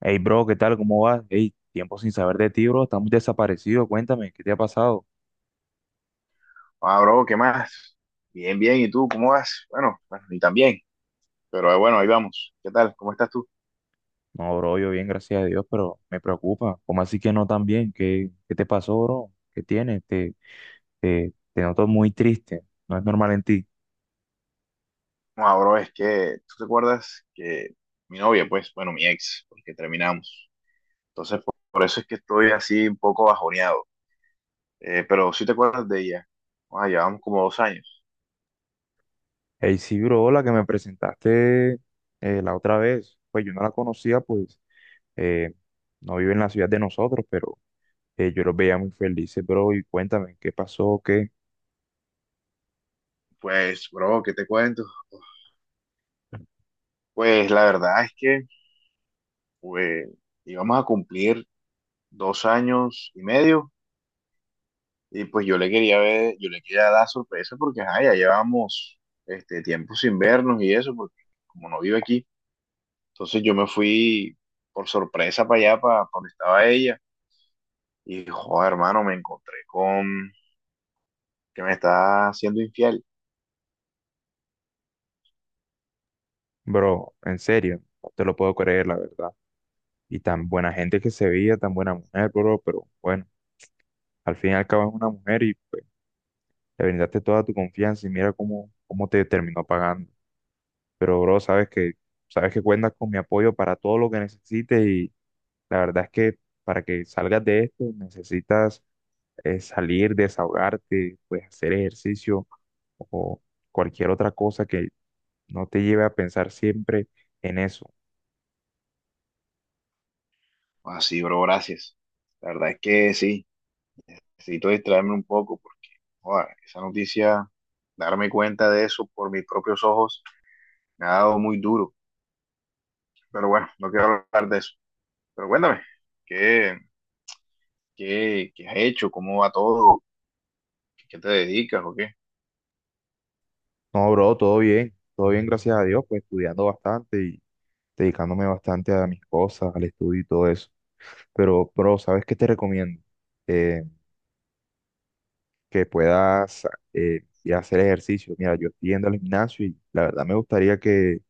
Hey, bro, ¿qué tal? ¿Cómo vas? Hey, tiempo sin saber de ti, bro. Estamos desaparecidos. Cuéntame, ¿qué te ha pasado? Ah, bro, ¿qué más? Bien, bien, ¿y tú cómo vas? Bueno, bueno, y también, pero bueno, ahí vamos. ¿Qué tal? ¿Cómo estás tú? No, bro, yo bien, gracias a Dios, pero me preocupa. ¿Cómo así que no tan bien? ¿Qué, qué te pasó, bro? ¿Qué tienes? Te noto muy triste. No es normal en ti. No, ah, bro, es que tú te acuerdas que mi novia, pues, bueno, mi ex, porque terminamos. Entonces, por eso es que estoy así un poco bajoneado. Pero sí te acuerdas de ella. Ah, llevamos como 2 años. Hey, sí, bro, la que me presentaste la otra vez. Pues yo no la conocía, pues eh, no vive en la ciudad de nosotros, pero yo los veía muy felices, bro. Y cuéntame, ¿qué pasó? ¿Qué? Pues, bro, ¿qué te cuento? Pues la verdad es que pues, íbamos a cumplir 2 años y medio. Y pues yo le quería dar sorpresa porque ajá, ya llevamos este tiempo sin vernos y eso, porque como no vive aquí, entonces yo me fui por sorpresa para allá, donde estaba ella, y joder, hermano, me encontré con que me está haciendo infiel. Bro, en serio, no te lo puedo creer, la verdad. Y tan buena gente que se veía, tan buena mujer, bro, pero bueno, al fin y al cabo es una mujer y pues, le brindaste toda tu confianza y mira cómo, cómo te terminó pagando. Pero, bro, sabes que cuentas con mi apoyo para todo lo que necesites y la verdad es que para que salgas de esto necesitas salir, desahogarte, pues hacer ejercicio o cualquier otra cosa que no te lleve a pensar siempre en eso. Así, bro, gracias. La verdad es que sí, necesito distraerme un poco porque, joder, esa noticia, darme cuenta de eso por mis propios ojos, me ha dado muy duro. Pero bueno, no quiero hablar de eso. Pero cuéntame, ¿qué, qué has hecho? ¿Cómo va todo? ¿Qué te dedicas o qué? No, bro, todo bien, gracias a Dios, pues estudiando bastante y dedicándome bastante a mis cosas, al estudio y todo eso. Pero, bro, ¿sabes qué te recomiendo? Eh, que puedas ir a hacer ejercicio. Mira, yo estoy yendo al gimnasio y la verdad me gustaría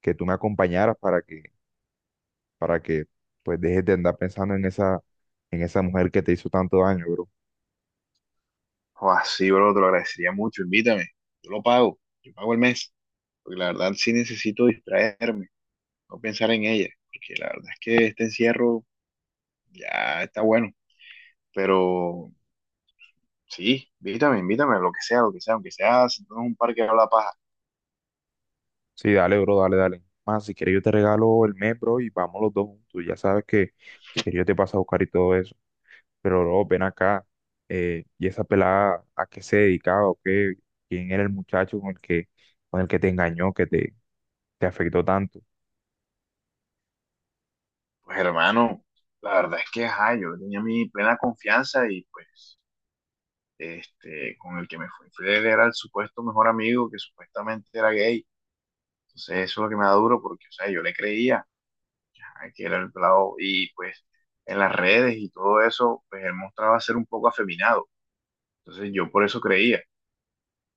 que tú me acompañaras para que pues dejes de andar pensando en esa mujer que te hizo tanto daño, bro. O así, bro, te lo agradecería mucho. Invítame. Yo lo pago. Yo pago el mes. Porque la verdad sí necesito distraerme, no pensar en ella. Porque la verdad es que este encierro ya está bueno. Pero sí, invítame, invítame, lo que sea, aunque sea sentado en un parque a la paja. Sí, dale, bro, dale, dale. Más, si quieres yo te regalo el mes, bro, y vamos los dos juntos. Ya sabes que si quieres yo te paso a buscar y todo eso. Pero luego ven acá, y esa pelada, ¿a qué se dedicaba o qué? ¿Quién era el muchacho con el que te engañó, te afectó tanto? Pues hermano, la verdad es que ajá, yo tenía mi plena confianza y pues este, con el que me fui, fue era el supuesto mejor amigo que supuestamente era gay. Entonces eso es lo que me da duro porque, o sea, yo le creía a que era el pelado y pues en las redes y todo eso, pues él mostraba ser un poco afeminado. Entonces yo por eso creía,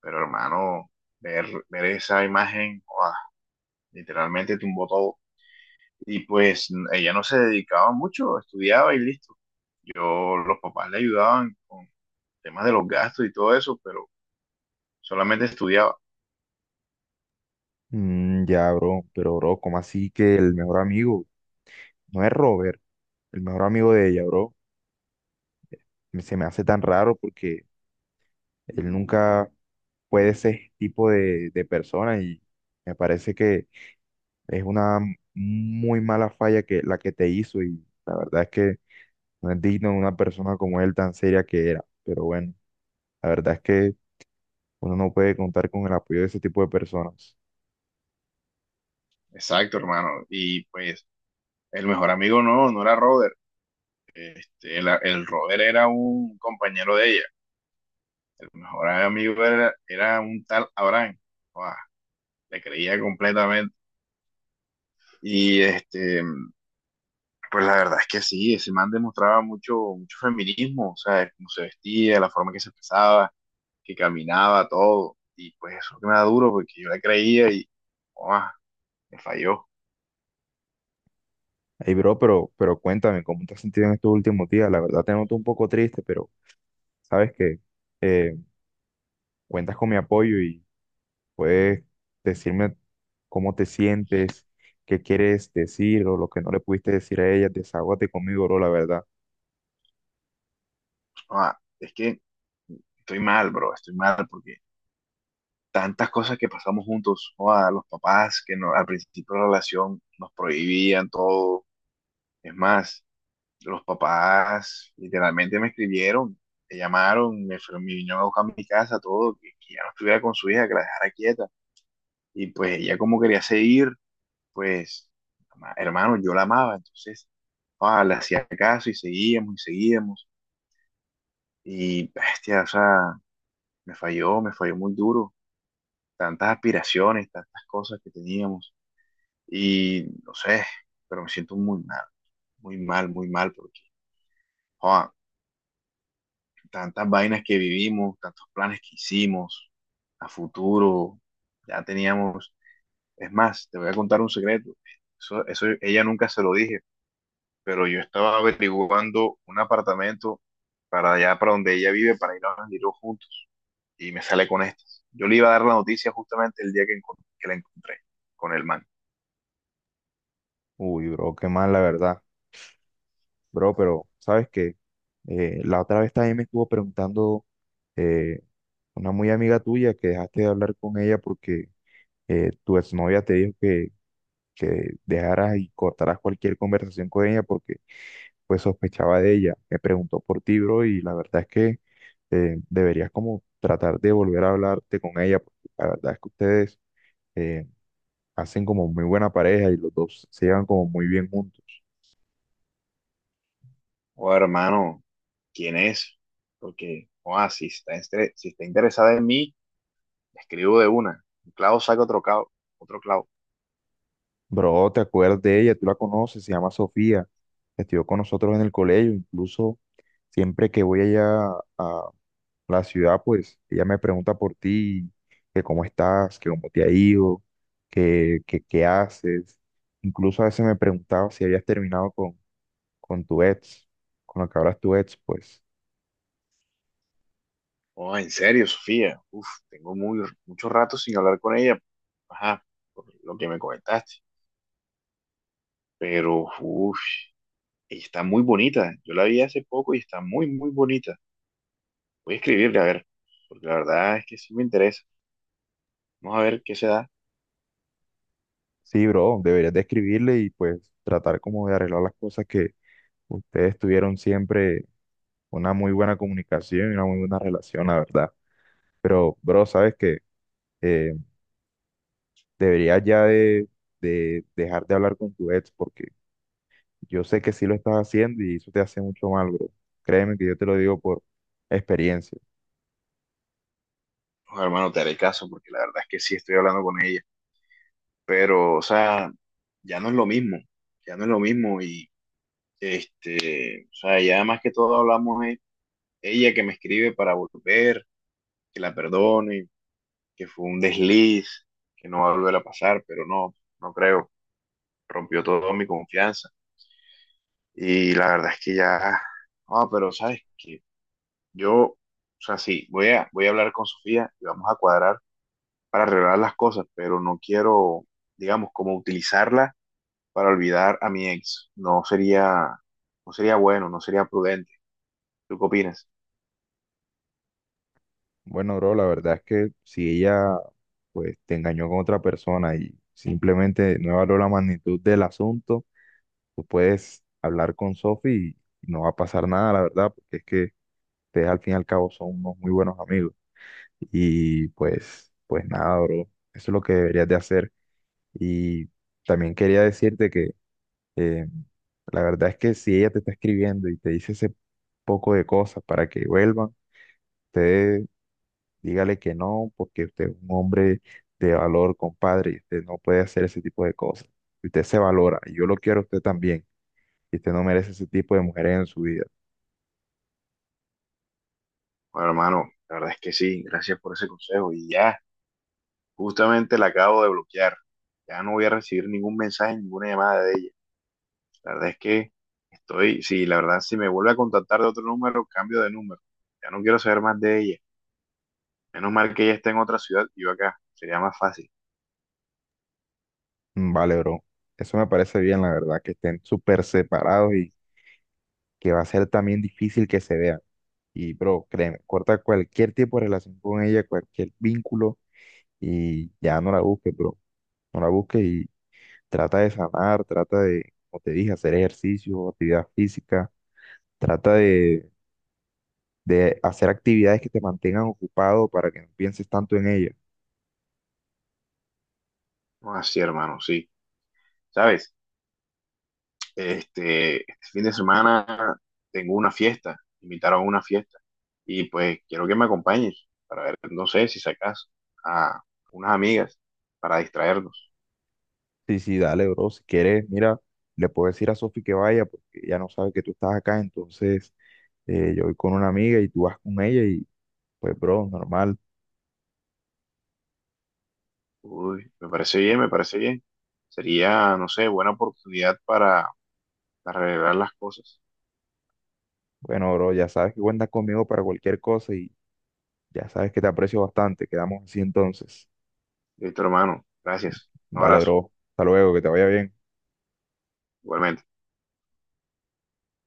pero hermano, ver esa imagen, ¡guau! Literalmente tumbó todo. Y pues ella no se dedicaba mucho, estudiaba y listo. Yo, los papás le ayudaban con temas de los gastos y todo eso, pero solamente estudiaba. Mm, ya, bro, pero bro, ¿cómo así que el mejor amigo no es Robert, el mejor amigo de ella, bro? Se me hace tan raro porque él nunca fue de ese tipo de persona y me parece que es una muy mala falla que la que te hizo y la verdad es que no es digno de una persona como él tan seria que era, pero bueno. La verdad es que uno no puede contar con el apoyo de ese tipo de personas. Exacto, hermano. Y pues el mejor amigo no, no era Roder. Este, el Robert era un compañero de ella. El mejor amigo era, era un tal Abraham. Guau, le creía completamente. Y este, pues la verdad es que sí, ese man demostraba mucho, mucho feminismo, o sea, cómo se vestía, la forma en que se expresaba, que caminaba, todo. Y pues eso que me da duro, porque yo le creía y, guau, me falló. Ey, bro, pero cuéntame, ¿cómo te has sentido en estos últimos días? La verdad te noto un poco triste, pero sabes que eh, cuentas con mi apoyo y puedes decirme cómo te sientes, qué quieres decir o lo que no le pudiste decir a ella. Desahógate conmigo, bro, la verdad. Guau, es que estoy mal, bro, estoy mal, porque tantas cosas que pasamos juntos, o a los papás que no- al principio de la relación nos prohibían todo. Es más, los papás literalmente me escribieron, me llamaron, me vinieron a buscar a mi casa, todo, que ya no estuviera con su hija, que la dejara quieta. Y pues ella como quería seguir, pues, hermano, yo la amaba, entonces, le hacía caso y seguíamos y seguíamos. Y, bestia, o sea, me falló muy duro. Tantas aspiraciones, tantas cosas que teníamos. Y no sé, pero me siento muy mal, muy mal, muy mal, porque joa, tantas vainas que vivimos, tantos planes que hicimos a futuro, ya teníamos. Es más, te voy a contar un secreto. Eso ella nunca se lo dije, pero yo estaba averiguando un apartamento para allá, para donde ella vive, para ir a Bandido juntos. Y me sale con estas. Yo le iba a dar la noticia justamente el día que, que la encontré con el man. Uy, bro, qué mal, la verdad. Bro, pero sabes que la otra vez también me estuvo preguntando eh, una muy amiga tuya que dejaste de hablar con ella porque tu exnovia te dijo que dejaras y cortaras cualquier conversación con ella porque pues sospechaba de ella. Me preguntó por ti, bro, y la verdad es que deberías como tratar de volver a hablarte con ella, porque la verdad es que ustedes eh, hacen como muy buena pareja y los dos se llevan como muy bien juntos. O hermano, ¿quién es? Porque, o si está, estre- si está interesada en mí, le escribo de una. Un clavo saca otro clavo, otro clavo. Bro, ¿te acuerdas de ella? Tú la conoces, se llama Sofía, estudió con nosotros en el colegio, incluso siempre que voy allá a, la ciudad, pues ella me pregunta por ti, que cómo estás, que cómo te ha ido, que qué haces. Incluso a veces me preguntaba si habías terminado con tu ex, con lo que hablas tu ex, pues Oh, en serio, Sofía. Uf, tengo mucho rato sin hablar con ella. Ajá, por lo que me comentaste. Pero, uf, ella está muy bonita. Yo la vi hace poco y está muy, muy bonita. Voy a escribirle, a ver, porque la verdad es que sí me interesa. Vamos a ver qué se da. sí, bro, deberías de escribirle y pues tratar como de arreglar las cosas que ustedes tuvieron siempre una muy buena comunicación y una muy buena relación, la verdad. Pero, bro, sabes que eh, deberías ya de dejar de hablar con tu ex porque yo sé que sí lo estás haciendo y eso te hace mucho mal, bro. Créeme que yo te lo digo por experiencia. Oh, hermano, te haré caso, porque la verdad es que sí estoy hablando con ella. Pero, o sea, ya no es lo mismo, ya no es lo mismo y, este, o sea, ya más que todo hablamos es ella que me escribe para volver, que la perdone, que fue un desliz, que no va a volver a pasar, pero no, no creo, rompió toda mi confianza y la verdad es que ya, ah, pero sabes que yo, o sea, sí, voy a hablar con Sofía y vamos a cuadrar para arreglar las cosas, pero no quiero, digamos, como utilizarla para olvidar a mi ex. No sería, no sería bueno, no sería prudente. ¿Tú qué opinas? Bueno, bro, la verdad es que si ella pues te engañó con otra persona y simplemente no evaluó la magnitud del asunto, tú puedes hablar con Sophie y no va a pasar nada, la verdad, porque es que ustedes al fin y al cabo son unos muy buenos amigos. Y pues nada, bro, eso es lo que deberías de hacer. Y también quería decirte que Eh, la verdad es que si ella te está escribiendo y te dice ese poco de cosas para que vuelvan, usted dígale que no, porque usted es un hombre de valor, compadre, y usted no puede hacer ese tipo de cosas. Usted se valora, y yo lo quiero a usted también, y usted no merece ese tipo de mujeres en su vida. Bueno, hermano, la verdad es que sí, gracias por ese consejo. Y ya, justamente la acabo de bloquear. Ya no voy a recibir ningún mensaje, ninguna llamada de ella. La verdad es que estoy, sí, la verdad, si me vuelve a contactar de otro número, cambio de número. Ya no quiero saber más de ella. Menos mal que ella está en otra ciudad y yo acá. Sería más fácil. Mm, vale, bro. Eso me parece bien, la verdad, que estén súper separados y que va a ser también difícil que se vean. Y, bro, créeme, corta cualquier tipo de relación con ella, cualquier vínculo, y ya no la busques, bro. No la busques y trata de sanar, trata de, como te dije, hacer ejercicio, actividad física, trata de hacer actividades que te mantengan ocupado para que no pienses tanto en ellas. No, así, hermano, sí. ¿Sabes? Este fin de semana tengo una fiesta, me invitaron a una fiesta y pues quiero que me acompañes para ver, no sé si sacas a unas amigas para distraernos. Sí, sí, dale, bro, si quieres, mira, le puedo decir a Sofi que vaya porque ya no sabe que tú estás acá, entonces yo voy con una amiga y tú vas con ella y pues, bro, normal. Uy, me parece bien, me parece bien. Sería, no sé, buena oportunidad para arreglar las cosas. Bueno, bro, ya sabes que cuentas conmigo para cualquier cosa y ya sabes que te aprecio bastante. Quedamos así entonces. Listo, hermano. Gracias. Un Dale, abrazo. bro. Hasta luego, que te vaya bien. Igualmente.